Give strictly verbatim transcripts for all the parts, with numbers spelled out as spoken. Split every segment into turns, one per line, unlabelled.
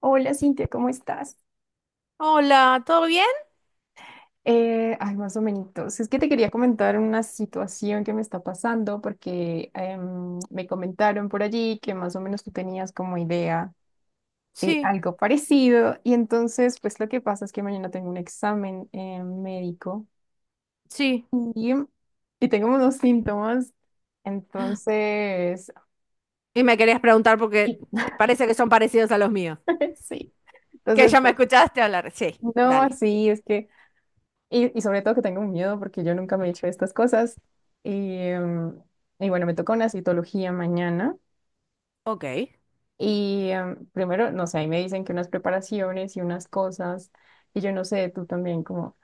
Hola Cintia, ¿cómo estás?
Hola, ¿todo bien?
Eh, ay, más o menos. Es que te quería comentar una situación que me está pasando porque em, me comentaron por allí que más o menos tú tenías como idea de
Sí,
algo parecido, y entonces pues lo que pasa es que mañana tengo un examen eh, médico,
sí.
y, y tengo unos síntomas, entonces,
Y me querías preguntar porque
y-
te parece que son parecidos a los míos.
sí,
Que
entonces
ya me
pues
escuchaste hablar. Sí,
no,
dale.
sí, es que... Y, y sobre todo que tengo un miedo porque yo nunca me he hecho estas cosas. Y, em, y bueno, me toca una citología mañana.
Ok.
Y em, primero, no sé, ahí me dicen que unas preparaciones y unas cosas. Y yo no sé, tú también, como,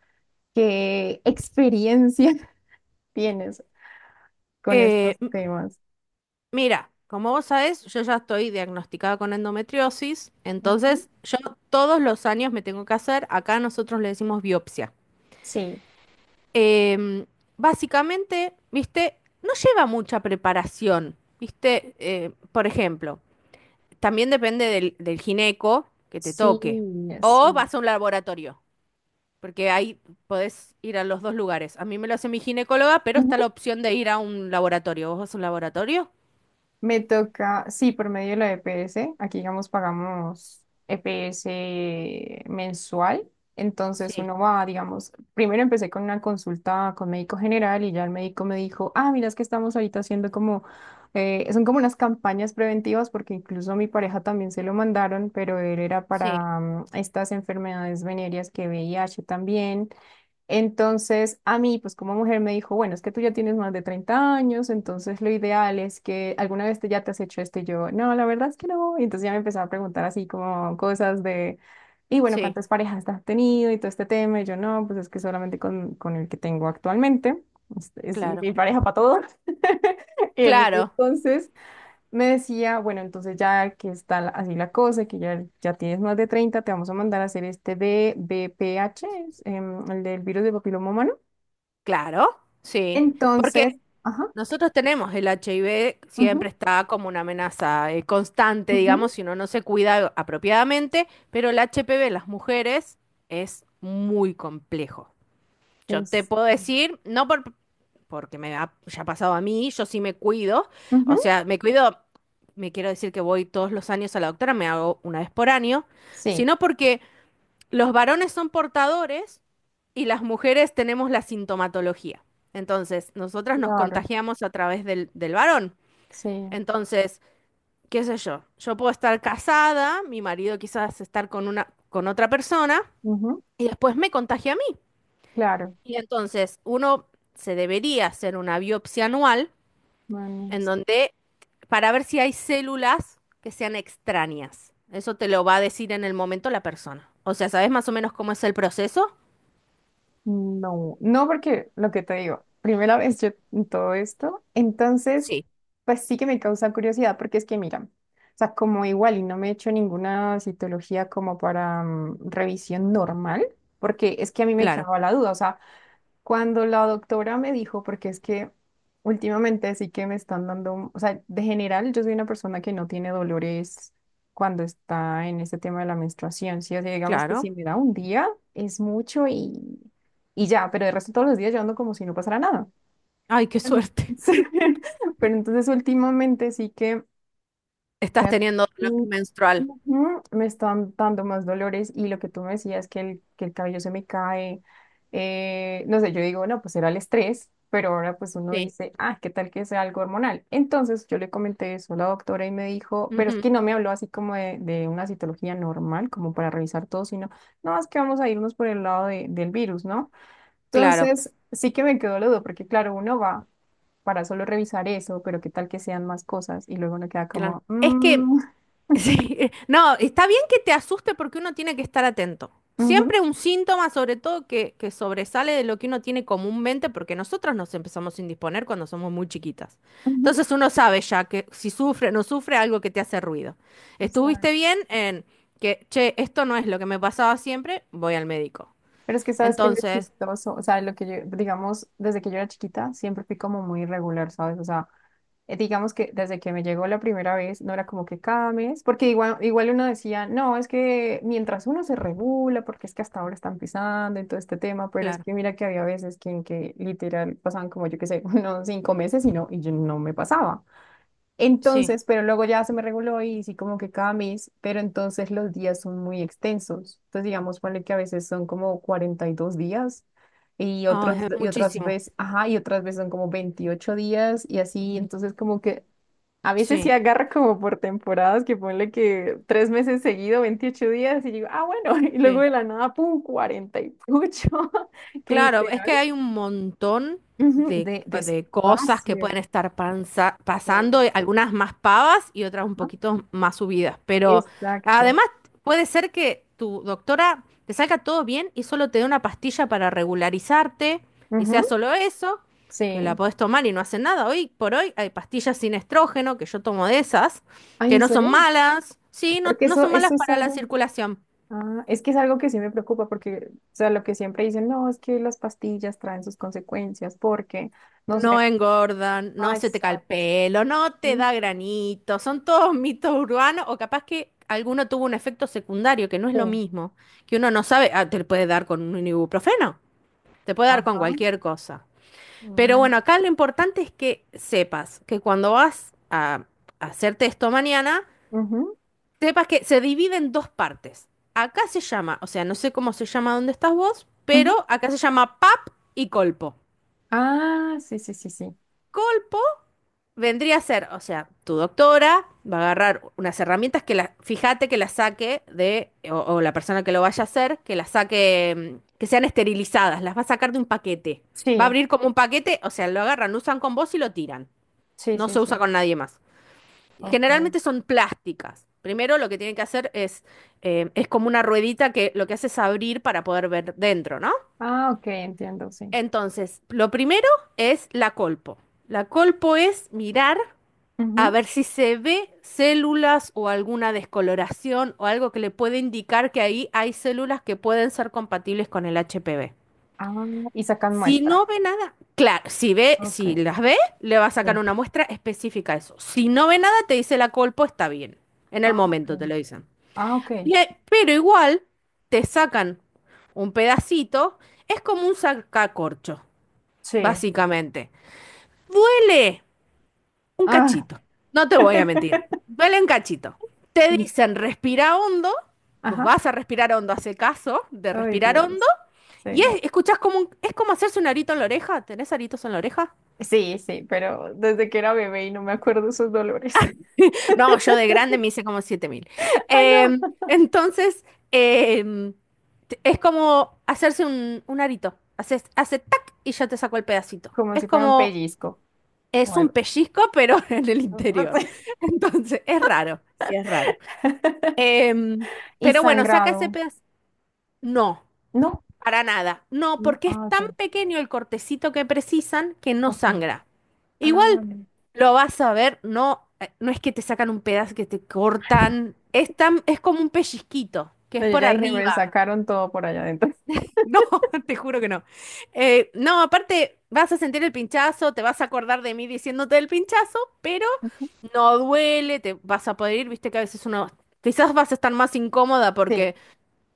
¿qué experiencia tienes con estos
Eh, m-
temas?
mira, como vos sabés, yo ya estoy diagnosticada con endometriosis,
Ujú.
entonces yo todos los años me tengo que hacer, acá nosotros le decimos biopsia.
Sí,
Em, Básicamente, viste, no lleva mucha preparación, viste. Eh, por ejemplo, también depende del, del gineco que te
sí,
toque. O
sí.
vas a un laboratorio, porque ahí podés ir a los dos lugares. A mí me lo hace mi ginecóloga, pero está la opción de ir a un laboratorio. ¿Vos vas a un laboratorio?
Me toca, sí, por medio de la E P S. Aquí, digamos, pagamos E P S mensual. Entonces
Sí,
uno va, digamos, primero empecé con una consulta con médico general y ya el médico me dijo, ah, mira, es que estamos ahorita haciendo como, eh, son como unas campañas preventivas porque incluso a mi pareja también se lo mandaron, pero él era
sí,
para mm, estas enfermedades venéreas que V I H también. Entonces, a mí, pues como mujer, me dijo, bueno, es que tú ya tienes más de treinta años, entonces lo ideal es que alguna vez te, ya te has hecho esto, y yo, no, la verdad es que no. Y entonces ya me empezaba a preguntar así como cosas de, y bueno,
sí.
¿cuántas parejas has tenido y todo este tema? Y yo, no, pues es que solamente con, con el que tengo actualmente, es, es
Claro.
mi pareja para todo. Y el-
Claro,
entonces, me decía, bueno, entonces ya que está la- así la cosa, que ya, ya tienes más de treinta, te vamos a mandar a hacer este de V P H, es, em, el del virus de papiloma humano.
claro, sí. Porque
Entonces, ajá,
nosotros tenemos el H I V, siempre
ujú,
está como una amenaza eh, constante,
ujú,
digamos, si uno no se cuida apropiadamente, pero el H P V en las mujeres es muy complejo. Yo te
es,
puedo decir, no por, porque me ha ya ha pasado a mí. Yo sí me cuido,
ujú,
o sea, me cuido, me quiero decir que voy todos los años a la doctora, me hago una vez por año,
sí,
sino porque los varones son portadores y las mujeres tenemos la sintomatología. Entonces, nosotras nos
claro,
contagiamos a través del, del varón.
sí,
Entonces, qué sé yo, yo puedo estar casada, mi marido quizás estar con una, con otra persona
ujú,
y después me contagia a mí.
claro.
Y entonces uno se debería hacer una biopsia anual
Bueno.
en donde para ver si hay células que sean extrañas. Eso te lo va a decir en el momento la persona. O sea, ¿sabes más o menos cómo es el proceso?
No, no, porque lo que te digo, primera vez yo en todo esto, entonces,
Sí,
pues sí que me causa curiosidad, porque es que, mira, o sea, como igual y no me he hecho ninguna citología como para mm, revisión normal, porque es que a mí me
claro,
quedaba la duda, o sea, cuando la doctora me dijo, porque es que últimamente sí que me están dando, o sea, de general yo soy una persona que no tiene dolores cuando está en este tema de la menstruación, ¿sí? O sea, digamos que
claro.
si me da un día es mucho y, y ya, pero de resto todos los días yo ando como si no pasara nada.
Ay, qué suerte.
Sí. Pero entonces últimamente sí que
Estás
me, has-
teniendo dolor
Mm,
menstrual.
ujú, me están dando más dolores y lo que tú me decías que el, que el cabello se me cae, eh, no sé, yo digo, no, pues era el estrés, pero ahora pues uno
Sí.
dice, ah, ¿qué tal que sea algo hormonal? Entonces yo le comenté eso a la doctora y me dijo, pero es
Ujú.
que no me habló así como de, de una citología normal, como para revisar todo, sino, no, es que vamos a irnos por el lado de- del virus, ¿no?
Claro,
Entonces, sí que me quedó la duda, porque claro, uno va para solo revisar eso, pero qué tal que sean más cosas y luego uno queda
claro.
como,
Es que
"Mm,
sí, no, está bien que te asuste porque uno tiene que estar atento.
ujú,
Siempre un síntoma, sobre todo, que, que sobresale de lo que uno tiene comúnmente, porque nosotros nos empezamos a indisponer cuando somos muy chiquitas.
ujú",
Entonces uno sabe ya que si sufre o no sufre algo que te hace ruido. Estuviste
o.
bien en que, che, esto no es lo que me pasaba siempre, voy al médico.
Pero es que sabes que lo
Entonces,
chistoso, o sea, lo que yo, digamos, desde que yo era chiquita, siempre fui como muy irregular, ¿sabes? O sea, eh, digamos que desde que me llegó la primera vez, no era como que cada mes, porque igual, igual uno decía, no, es que mientras uno se regula, porque es que hasta ahora están pisando en todo este tema, pero es
claro,
que mira que había veces que, en que literal pasaban como yo qué sé, unos cinco meses y no, y yo no me pasaba.
sí.
Entonces, pero luego ya se me reguló y sí como que cada mes, pero entonces los días son muy extensos. Entonces, digamos, ponle que a veces son como cuarenta y dos días y
Ah,
otros
es
y otras
muchísimo.
veces, ajá, y otras veces son como veintiocho días y así, entonces como que a veces sí
Sí,
agarra como por temporadas, que ponle que tres meses seguido, veintiocho días y digo, ah, bueno, y luego
sí.
de la nada, pum, cuarenta y ocho que
Claro, es que
literal,
hay un montón
ujú,
de,
de
de cosas que
despacio.
pueden estar pansa-
Claro.
pasando, eh, algunas más pavas y otras un
Ajá,
poquito más subidas, pero
exacto.
además puede ser que tu doctora te salga todo bien y solo te dé una pastilla para regularizarte y sea solo eso, que la
Sí.
podés tomar y no hace nada. Hoy por hoy hay pastillas sin estrógeno, que yo tomo de esas,
Ay,
que
¿en
no son
serio?
malas, sí, no,
Porque
no
eso,
son malas
eso es
para la
algo,
circulación.
ah, es que es algo que sí me preocupa, porque, o sea, lo que siempre dicen, no, es que las pastillas traen sus consecuencias, porque, no
No
sé,
engordan, no
ah,
se te cae el
exacto.
pelo, no te da granito. Son todos mitos urbanos o capaz que alguno tuvo un efecto secundario que no es lo
Sí.
mismo, que uno no sabe. Ah, te puede dar con un ibuprofeno, te puede dar con
Ajá.
cualquier cosa. Pero
Mm.
bueno, acá lo importante es que sepas que cuando vas a hacerte esto mañana,
Ujú,
sepas que se divide en dos partes. Acá se llama, o sea, no sé cómo se llama donde estás vos,
ujú.
pero acá se llama PAP y colpo.
Ah, sí, sí, sí, sí.
Vendría a ser, o sea, tu doctora va a agarrar unas herramientas que la, fíjate que las saque de, o, o la persona que lo vaya a hacer, que las saque, mm, que sean esterilizadas, las va a sacar de un paquete. Va a
Sí,
abrir como un paquete, o sea, lo agarran, lo usan con vos y lo tiran.
sí,
No
sí,
se usa
sí.
con nadie más.
Ok.
Generalmente son plásticas. Primero lo que tienen que hacer es, eh, es como una ruedita que lo que hace es abrir para poder ver dentro, ¿no?
Ah, ok, entiendo, sí.
Entonces, lo primero es la colpo. La colpo es mirar. A
Ujú.
ver si se ve células o alguna descoloración o algo que le puede indicar que ahí hay células que pueden ser compatibles con el H P V.
Ah, y sacan
Si
muestra.
no ve nada, claro, si ve,
Ok.
si las ve, le va a
Sí.
sacar una muestra específica a eso. Si no ve nada, te dice la colpo está bien. En el
Ah,
momento te
ok.
lo dicen.
Ah, ok.
Y ahí- pero igual te sacan un pedacito, es como un sacacorcho,
Sí.
básicamente. Duele un
Ah.
cachito, no te voy a mentir. Duele un cachito. Te
Y,
dicen respira hondo, vos
ajá.
vas a respirar hondo, hace caso de
Ay,
respirar hondo,
Dios.
y
Sí.
es, escuchás como un- es como hacerse un arito en la oreja. ¿Tenés aritos en la oreja?
Sí, sí, pero desde que era bebé y no me acuerdo esos dolores.
No, yo de grande me hice como siete mil.
Ay,
Em,
no.
entonces, em, t- es como hacerse un, un arito. Haces, hace tac y ya te sacó el pedacito.
Como
Es
si fuera un
como,
pellizco o
es un
algo
pellizco, pero en el interior.
así.
Entonces, es raro, sí, es raro. Em,
Y
pero bueno, saca ese
sangrado.
pedazo. No,
No.
para nada. No,
No.
porque es
Ah,
tan
ok.
pequeño el cortecito que precisan que no
Ok.
sangra.
Ah,
Igual
vale.
lo vas a ver, no, eh, no es que te sacan un pedazo que te cortan. Es tan, es como un pellizquito, que
No,
es
yo
por
ya dije, me
arriba.
sacaron todo por allá adentro.
No, te juro que no. Eh, no, aparte vas a sentir el pinchazo, te vas a acordar de mí diciéndote el pinchazo, pero no duele, te vas a poder ir, viste que a veces uno, quizás vas a estar más incómoda
Sí,
porque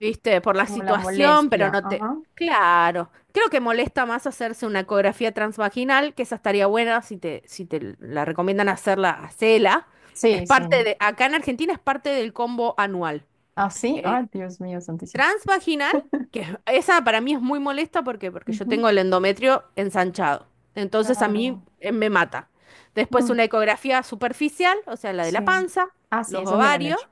¿viste? Por la
como la
situación, pero
molestia.
no te...
Ajá.
Claro, creo que molesta más hacerse una ecografía transvaginal, que esa estaría buena si te, si te, la recomiendan hacerla, hacela. Es
Sí, sí.
parte de, acá en Argentina es parte del combo anual.
Así.
Eh,
Ay, Dios mío, santísimo.
Transvaginal, que es- esa para mí es muy molesta porque, porque yo
Ujú,
tengo el endometrio ensanchado. Entonces a mí
claro.
eh, me mata. Después
Mm,
una ecografía superficial, o sea, la de
sí.
la panza,
Ah, sí,
los
esas me la han
ovarios.
hecho.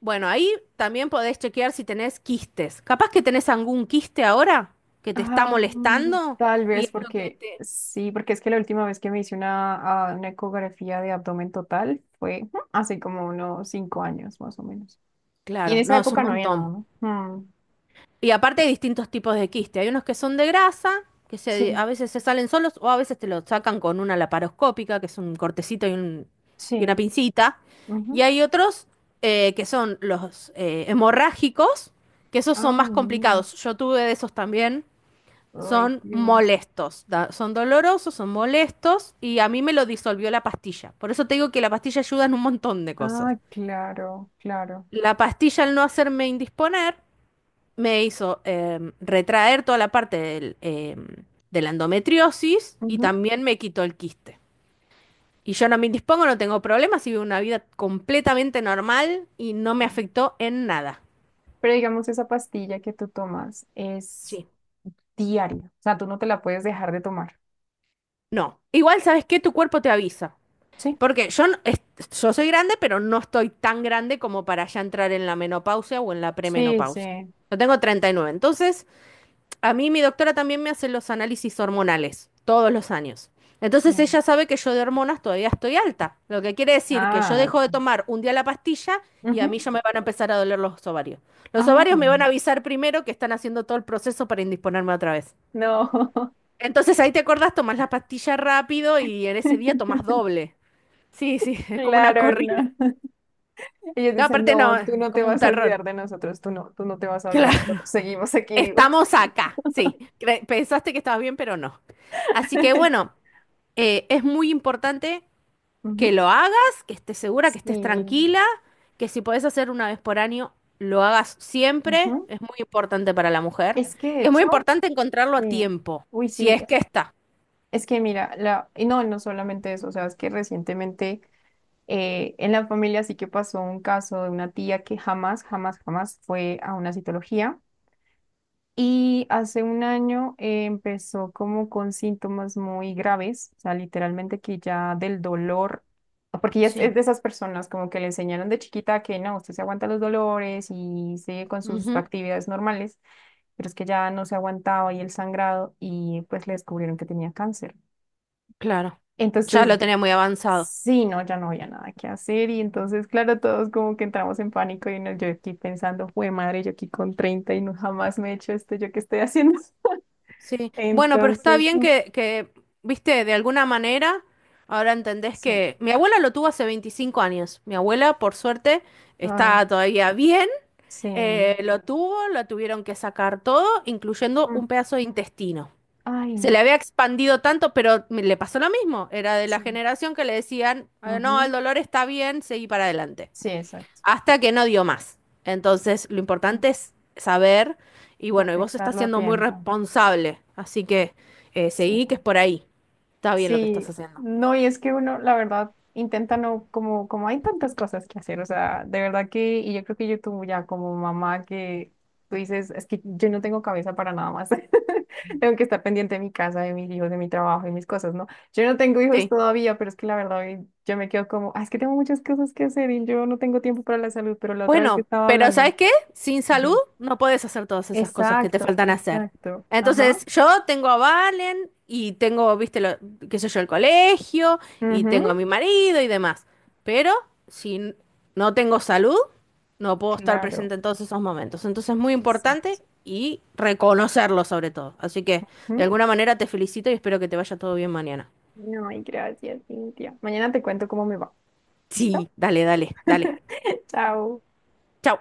Bueno, ahí también podés chequear si tenés quistes. Capaz que tenés algún quiste ahora que te está
Ah, mm,
molestando
tal
y
vez
es lo que
porque
te...
sí, porque es que la última vez que me hice una, ah, una ecografía de abdomen total fue ujú, hace como unos cinco años más o menos. Y en
Claro,
esa
no, es un
época no había nada,
montón.
¿no? Mm,
Y aparte hay distintos tipos de quiste. Hay unos que son de grasa, que se- a
sí,
veces se salen solos o a veces te lo sacan con una laparoscópica, que es un cortecito y, un- y una
sí.
pincita. Y
Ujú.
hay otros eh, que son los eh, hemorrágicos, que esos son
Ah,
más
no.
complicados. Yo tuve de esos también.
Ay,
Son
Dios.
molestos, da- son dolorosos, son molestos y a mí me lo disolvió la pastilla. Por eso te digo que la pastilla ayuda en un montón de cosas.
Ah, claro, claro.
La pastilla al no hacerme indisponer me hizo em, retraer toda la parte del, em, de la endometriosis y
Ujú,
también me quitó el quiste. Y yo no me indispongo, no tengo problemas y vivo una vida completamente normal y no me
sí.
afectó en nada.
Pero digamos, esa pastilla que tú tomas es
Sí.
diaria. O sea, tú no te la puedes dejar de tomar.
No. Igual, ¿sabes qué? Tu cuerpo te avisa.
Sí,
Porque yo, no- es- yo soy grande, pero no estoy tan grande como para ya entrar en la menopausia o en la
sí,
premenopausia.
sí.
Yo tengo treinta y nueve. Entonces, a mí mi doctora también me hace los análisis hormonales todos los años. Entonces,
Sí.
ella sabe que yo de hormonas todavía estoy alta. Lo que quiere decir que yo
Ah,
dejo de
ya.
tomar un día la pastilla y a mí ya
Ujú.
me van a empezar a doler los ovarios. Los
Ay,
ovarios me van a avisar primero que están haciendo todo el proceso para indisponerme otra vez.
no,
Entonces, ahí te acordás, tomás la pastilla rápido y en ese día tomás doble. Sí, sí, es como una
claro,
corrida.
no. Ellos
No,
dicen,
aparte no,
no, tú no, te
como un
vas a
terror.
olvidar de nosotros, tú no, tú no te vas a olvidar,
Claro.
nosotros seguimos aquí vivos.
Estamos acá, sí. Cre- Pensaste que estabas bien, pero no. Así que bueno, eh, es muy importante que
Ujú,
lo hagas, que estés segura, que estés
sí,
tranquila, que si podés hacer una vez por año, lo hagas siempre.
ujú.
Es muy importante para la mujer.
Es que de
Y es muy
hecho,
importante encontrarlo a
sí,
tiempo,
uy,
si
sí,
es que
es,
está.
es que mira, la, y no, no solamente eso, o sea, es que recientemente eh, en la familia sí que pasó un caso de una tía que jamás, jamás, jamás fue a una citología. Y hace un año eh, empezó como con síntomas muy graves, o sea, literalmente que ya del dolor, porque ella es,
Sí.
es de esas personas como que le enseñaron de chiquita que no, usted se aguanta los dolores y sigue con sus
Ujú.
actividades normales, pero es que ya no se aguantaba y el sangrado y pues le descubrieron que tenía cáncer.
Claro. Ya lo
Entonces,
tenía muy avanzado.
sí, no, ya no había nada que hacer y entonces, claro, todos como que entramos en pánico y no, yo aquí pensando, fue madre, yo aquí con treinta y no jamás me he hecho esto, ¿yo qué estoy haciendo?
Sí, bueno, pero está
Entonces,
bien
mm,
que, que, viste, de alguna manera, ahora entendés
sí.
que mi abuela lo tuvo hace veinticinco años. Mi abuela, por suerte,
Ay,
está todavía bien.
sí.
Eh,
Mm,
lo tuvo, lo tuvieron que sacar todo, incluyendo un pedazo de intestino.
ay,
Se le
no.
había expandido tanto, pero me- le pasó lo mismo. Era de la
Sí.
generación que le decían, "Ah, no, el
Ujú,
dolor está bien, seguí para adelante
sí, exacto.
hasta que no dio más". Entonces, lo
Mm.
importante es saber, y bueno, y vos estás
Detectarlo a
siendo muy
tiempo.
responsable, así que eh,
Sí.
seguí que es por ahí. Está bien lo que estás
Sí,
haciendo.
no, y es que uno, la verdad, intenta no, como, como hay tantas cosas que hacer, o sea, de verdad que, y yo creo que YouTube ya como mamá que tú dices, es que yo no tengo cabeza para nada más, tengo que estar pendiente de mi casa, de mis hijos, de mi trabajo y mis cosas, ¿no? Yo no tengo hijos
Sí.
todavía, pero es que la verdad eh, yo me quedo como, "Ah, es que tengo muchas cosas que hacer y yo no tengo tiempo para la salud, pero la otra vez que
Bueno,
estaba
pero
hablando
¿sabes qué? Sin salud
de...
no puedes hacer todas esas cosas que te
Exacto,
faltan hacer.
exacto, ajá,
Entonces, yo tengo a Valen y tengo, viste, lo, qué sé yo, el colegio y tengo
ujú,
a mi marido y demás. Pero si n- no tengo salud, no puedo estar
claro,
presente en todos esos momentos. Entonces, es muy
exacto.
importante y reconocerlo sobre todo. Así que, de alguna manera, te felicito y espero que te vaya todo bien mañana.
No, y gracias, Cintia. Mañana te cuento cómo me va. ¿Listo?
Sí, dale, dale, dale.
Chao.
Chau.